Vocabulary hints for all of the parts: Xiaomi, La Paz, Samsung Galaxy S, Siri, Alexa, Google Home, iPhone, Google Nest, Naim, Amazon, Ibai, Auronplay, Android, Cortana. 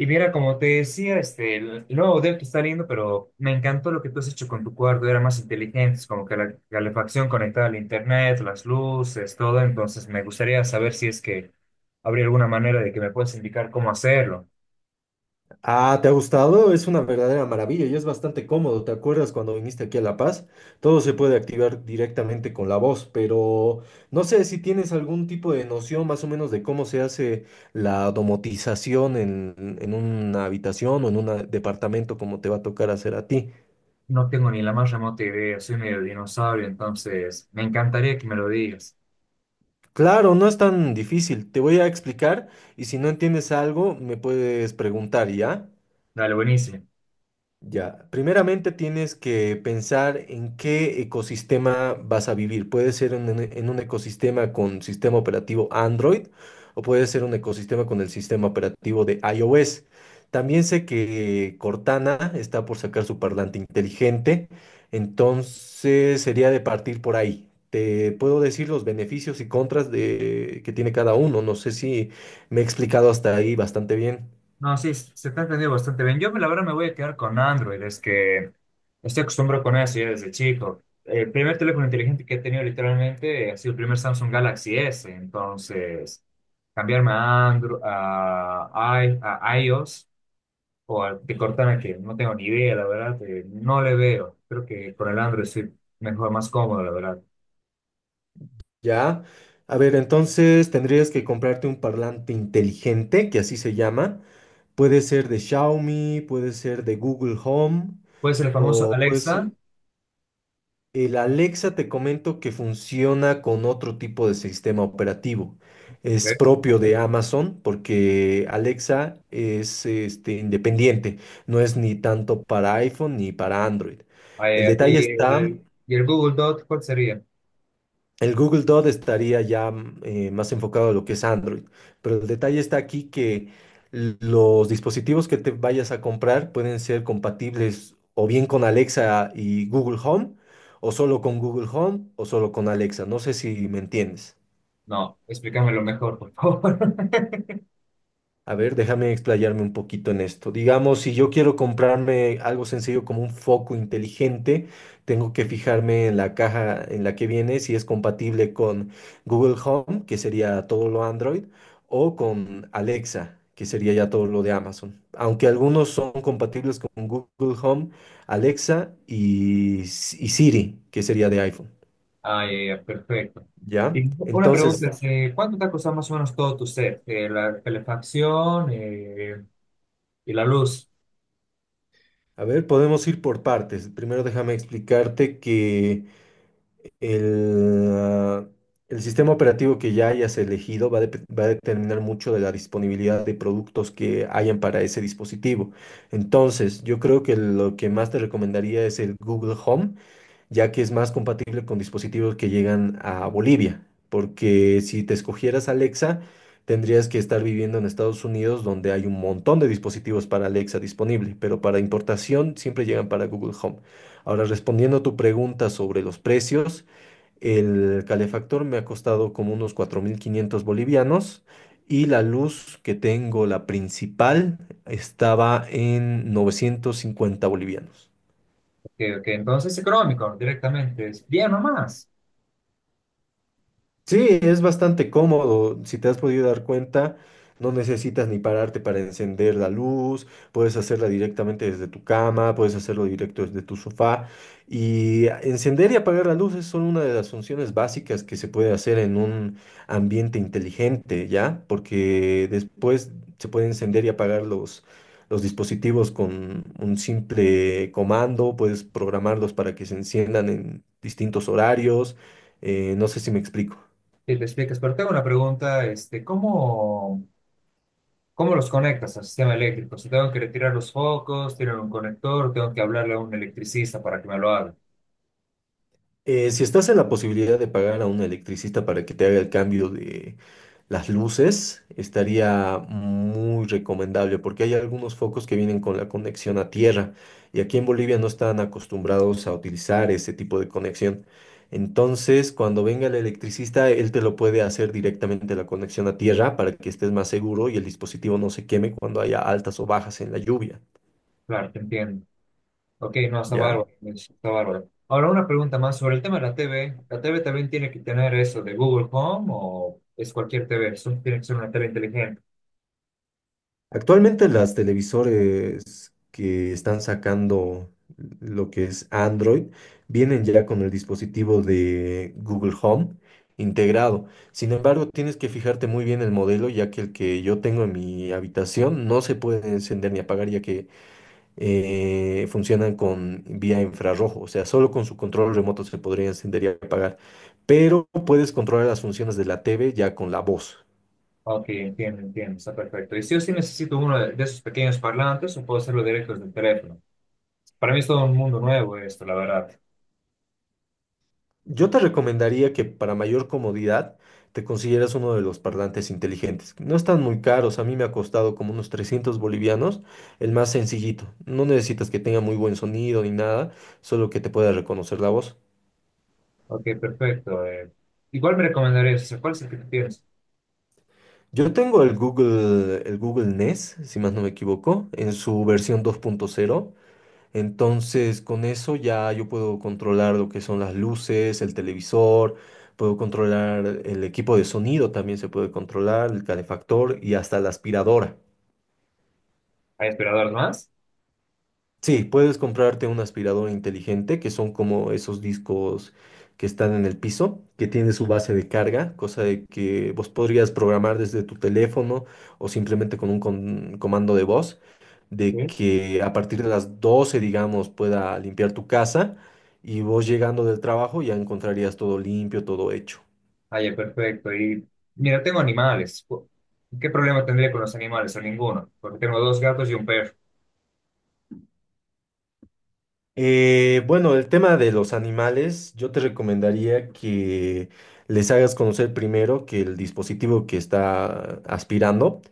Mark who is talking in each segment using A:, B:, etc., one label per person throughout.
A: Y mira, como te decía, el nuevo modelo que está lindo, pero me encantó lo que tú has hecho con tu cuarto, era más inteligente, es como que la calefacción conectada al internet, las luces, todo, entonces me gustaría saber si es que habría alguna manera de que me puedas indicar cómo hacerlo.
B: Ah, ¿te ha gustado? Es una verdadera maravilla y es bastante cómodo. ¿Te acuerdas cuando viniste aquí a La Paz? Todo se puede activar directamente con la voz, pero no sé si tienes algún tipo de noción más o menos de cómo se hace la domotización en una habitación o en un departamento como te va a tocar hacer a ti.
A: No tengo ni la más remota idea, soy medio dinosaurio, entonces me encantaría que me lo digas.
B: Claro, no es tan difícil. Te voy a explicar y si no entiendes algo, me puedes preguntar, ¿ya?
A: Dale, buenísimo.
B: Ya, primeramente tienes que pensar en qué ecosistema vas a vivir. Puede ser en un ecosistema con sistema operativo Android o puede ser un ecosistema con el sistema operativo de iOS. También sé que Cortana está por sacar su parlante inteligente, entonces sería de partir por ahí. Te puedo decir los beneficios y contras que tiene cada uno. No sé si me he explicado hasta ahí bastante bien.
A: No, sí, se te ha entendido bastante bien. Yo, la verdad, me voy a quedar con Android. Es que estoy acostumbrado con eso ya desde chico. El primer teléfono inteligente que he tenido literalmente ha sido el primer Samsung Galaxy S. Entonces, cambiarme a Android, a iOS o a de Cortana, que no tengo ni idea, la verdad, no le veo. Creo que con el Android estoy mejor, más cómodo, la verdad.
B: Ya. A ver, entonces tendrías que comprarte un parlante inteligente, que así se llama. Puede ser de Xiaomi, puede ser de Google Home,
A: Puede ser el famoso
B: o pues
A: Alexa.
B: el Alexa te comento que funciona con otro tipo de sistema operativo. Es
A: Ok.
B: propio de Amazon porque Alexa es este, independiente, no es ni tanto para iPhone ni para Android. El
A: eh,
B: detalle
A: y
B: está.
A: el, y el Google Dot, ¿cuál sería?
B: El Google Dot estaría ya más enfocado a lo que es Android, pero el detalle está aquí que los dispositivos que te vayas a comprar pueden ser compatibles o bien con Alexa y Google Home, o solo con Google Home, o solo con Alexa. No sé si me entiendes.
A: No, explícamelo mejor, por favor.
B: A ver, déjame explayarme un poquito en esto. Digamos, si yo quiero comprarme algo sencillo como un foco inteligente, tengo que fijarme en la caja en la que viene si es compatible con Google Home, que sería todo lo Android, o con Alexa, que sería ya todo lo de Amazon. Aunque algunos son compatibles con Google Home, Alexa y, y Siri, que sería de iPhone.
A: Ah, ya, ya, perfecto.
B: ¿Ya?
A: Y una pregunta
B: Entonces,
A: es, ¿cuánto te ha costado más o menos todo tu set? La calefacción y la luz.
B: a ver, podemos ir por partes. Primero déjame explicarte que... El, ah, el sistema operativo que ya hayas elegido va a determinar mucho de la disponibilidad de productos que hayan para ese dispositivo. Entonces, yo creo que lo que más te recomendaría es el Google Home, ya que es más compatible con dispositivos que llegan a Bolivia, porque si te escogieras Alexa, tendrías que estar viviendo en Estados Unidos, donde hay un montón de dispositivos para Alexa disponible, pero para importación siempre llegan para Google Home. Ahora, respondiendo a tu pregunta sobre los precios, el calefactor me ha costado como unos 4500 bolivianos y la luz que tengo, la principal, estaba en 950 bolivianos.
A: Que, entonces es económico directamente, es bien nomás.
B: Sí, es bastante cómodo. Si te has podido dar cuenta, no necesitas ni pararte para encender la luz, puedes hacerla directamente desde tu cama, puedes hacerlo directo desde tu sofá. Y encender y apagar las luces son una de las funciones básicas que se puede hacer en un ambiente inteligente, ¿ya? Porque después se puede encender y apagar los dispositivos con un simple comando, puedes programarlos para que se enciendan en distintos horarios. No sé si me explico.
A: Si te explicas, pero tengo una pregunta, ¿cómo, cómo los conectas al sistema eléctrico? Si tengo que retirar los focos, tienen un conector, tengo que hablarle a un electricista para que me lo haga.
B: Si estás en la posibilidad de pagar a un electricista para que te haga el cambio de las luces, estaría muy recomendable porque hay algunos focos que vienen con la conexión a tierra y aquí en Bolivia no están acostumbrados a utilizar ese tipo de conexión. Entonces, cuando venga el electricista, él te lo puede hacer directamente la conexión a tierra para que estés más seguro y el dispositivo no se queme cuando haya altas o bajas en la lluvia,
A: Claro, te entiendo. Ok, no, está
B: ¿ya?
A: bárbaro, pues, está bárbaro. Ahora una pregunta más sobre el tema de la TV. ¿La TV también tiene que tener eso de Google Home o es cualquier TV? Eso tiene que ser una TV inteligente.
B: Actualmente las televisores que están sacando lo que es Android vienen ya con el dispositivo de Google Home integrado. Sin embargo, tienes que fijarte muy bien el modelo, ya que el que yo tengo en mi habitación no se puede encender ni apagar, ya que funcionan con vía infrarrojo. O sea, solo con su control remoto se podría encender y apagar. Pero puedes controlar las funciones de la TV ya con la voz.
A: Ok, entiendo, entiendo, está perfecto. ¿Y si yo sí necesito uno de esos pequeños parlantes o puedo hacerlo directo desde el teléfono? Para mí es todo un mundo nuevo esto, la verdad.
B: Yo te recomendaría que para mayor comodidad te consiguieras uno de los parlantes inteligentes. No están muy caros, a mí me ha costado como unos 300 bolivianos, el más sencillito. No necesitas que tenga muy buen sonido ni nada, solo que te pueda reconocer la voz.
A: Ok, perfecto. Igual me recomendarías, o sea, ¿cuál es el que tú tienes?
B: Yo tengo el Google Nest, si más no me equivoco, en su versión 2.0. Entonces, con eso ya yo puedo controlar lo que son las luces, el televisor, puedo controlar el equipo de sonido, también se puede controlar el calefactor y hasta la aspiradora.
A: ¿Hay aspirador más?
B: Sí, puedes comprarte una aspiradora inteligente que son como esos discos que están en el piso, que tiene su base de carga, cosa de que vos podrías programar desde tu teléfono o simplemente con un comando de voz, de
A: ¿Sí?
B: que a partir de las 12 digamos, pueda limpiar tu casa y vos llegando del trabajo ya encontrarías todo limpio, todo hecho.
A: Ah, ya, perfecto. Y mira, tengo animales. ¿Qué problema tendría con los animales? O ninguno, porque tengo dos gatos y un perro.
B: Bueno, el tema de los animales, yo te recomendaría que les hagas conocer primero que el dispositivo que está aspirando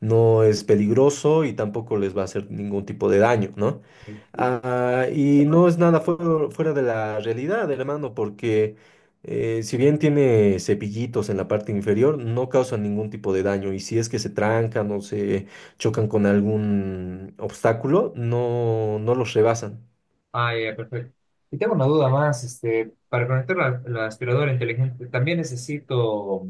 B: no es peligroso y tampoco les va a hacer ningún tipo de daño, ¿no? Ah, y no es nada fuera de la realidad, hermano, porque si bien tiene cepillitos en la parte inferior, no causan ningún tipo de daño. Y si es que se trancan o se chocan con algún obstáculo, no, no los rebasan.
A: Ah, ya, perfecto. Y tengo una duda más, para conectar la aspiradora inteligente, también necesito,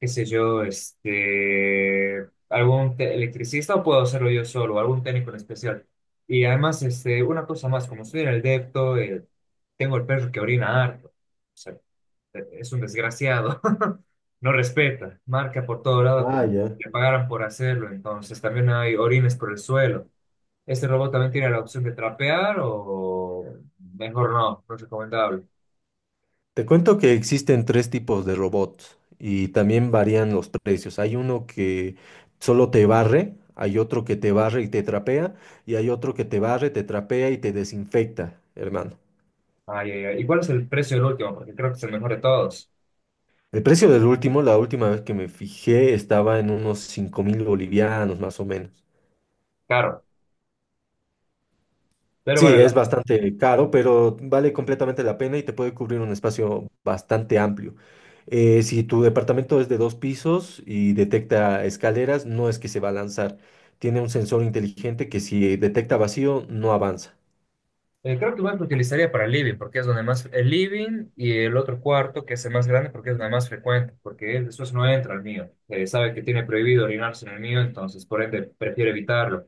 A: qué sé yo, electricista o puedo hacerlo yo solo, algún técnico en especial. Y además, una cosa más, como estoy en el depto, tengo el perro que orina harto, o sea, es un desgraciado, no respeta, marca por todo lado
B: Ah,
A: como
B: ya.
A: le pagaran por hacerlo, entonces también hay orines por el suelo. ¿Este robot también tiene la opción de trapear o mejor no? No es recomendable.
B: Te cuento que existen tres tipos de robots y también varían los precios. Hay uno que solo te barre, hay otro que te barre y te trapea, y hay otro que te barre, te trapea y te desinfecta, hermano.
A: Ay, ay, ay. ¿Y cuál es el precio del último? Porque creo que es el mejor de todos.
B: El precio del último, la última vez que me fijé, estaba en unos 5000 bolivianos más o menos.
A: Claro, pero
B: Sí,
A: vale la
B: es bastante caro, pero vale completamente la pena y te puede cubrir un espacio bastante amplio. Si tu departamento es de dos pisos y detecta escaleras, no es que se va a lanzar. Tiene un sensor inteligente que si detecta vacío, no avanza.
A: creo que más lo utilizaría para el living, porque es donde más... El living y el otro cuarto, que es el más grande, porque es donde más frecuente, porque él después no entra al mío. Sabe que tiene prohibido orinarse en el mío, entonces por ende prefiere evitarlo.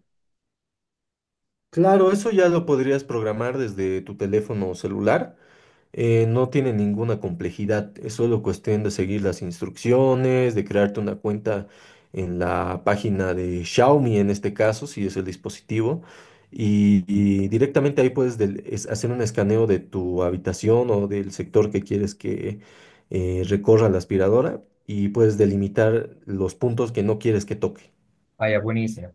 B: Claro, eso ya lo podrías programar desde tu teléfono celular, no tiene ninguna complejidad, es solo cuestión de seguir las instrucciones, de crearte una cuenta en la página de Xiaomi en este caso, si es el dispositivo, y directamente ahí puedes hacer un escaneo de tu habitación o del sector que quieres que recorra la aspiradora y puedes delimitar los puntos que no quieres que toque.
A: Ah, ya, buenísimo.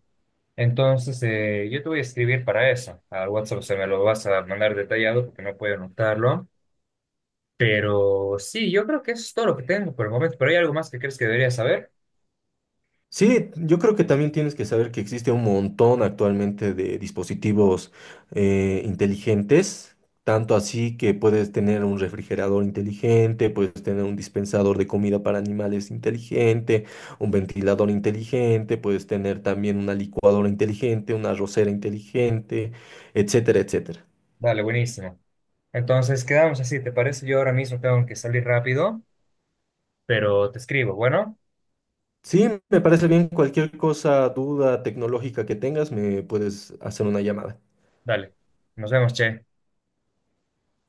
A: Entonces, yo te voy a escribir para eso. Al WhatsApp se me lo vas a mandar detallado porque no puedo anotarlo. Pero sí, yo creo que eso es todo lo que tengo por el momento. Pero hay algo más que crees que debería saber.
B: Sí, yo creo que también tienes que saber que existe un montón actualmente de dispositivos inteligentes, tanto así que puedes tener un refrigerador inteligente, puedes tener un dispensador de comida para animales inteligente, un ventilador inteligente, puedes tener también una licuadora inteligente, una arrocera inteligente, etcétera, etcétera.
A: Dale, buenísimo. Entonces quedamos así, ¿te parece? Yo ahora mismo tengo que salir rápido, pero te escribo. Bueno,
B: Sí, me parece bien. Cualquier cosa, duda tecnológica que tengas, me puedes hacer una llamada.
A: dale. Nos vemos, che.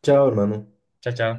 B: Chao, hermano.
A: Chao, chao.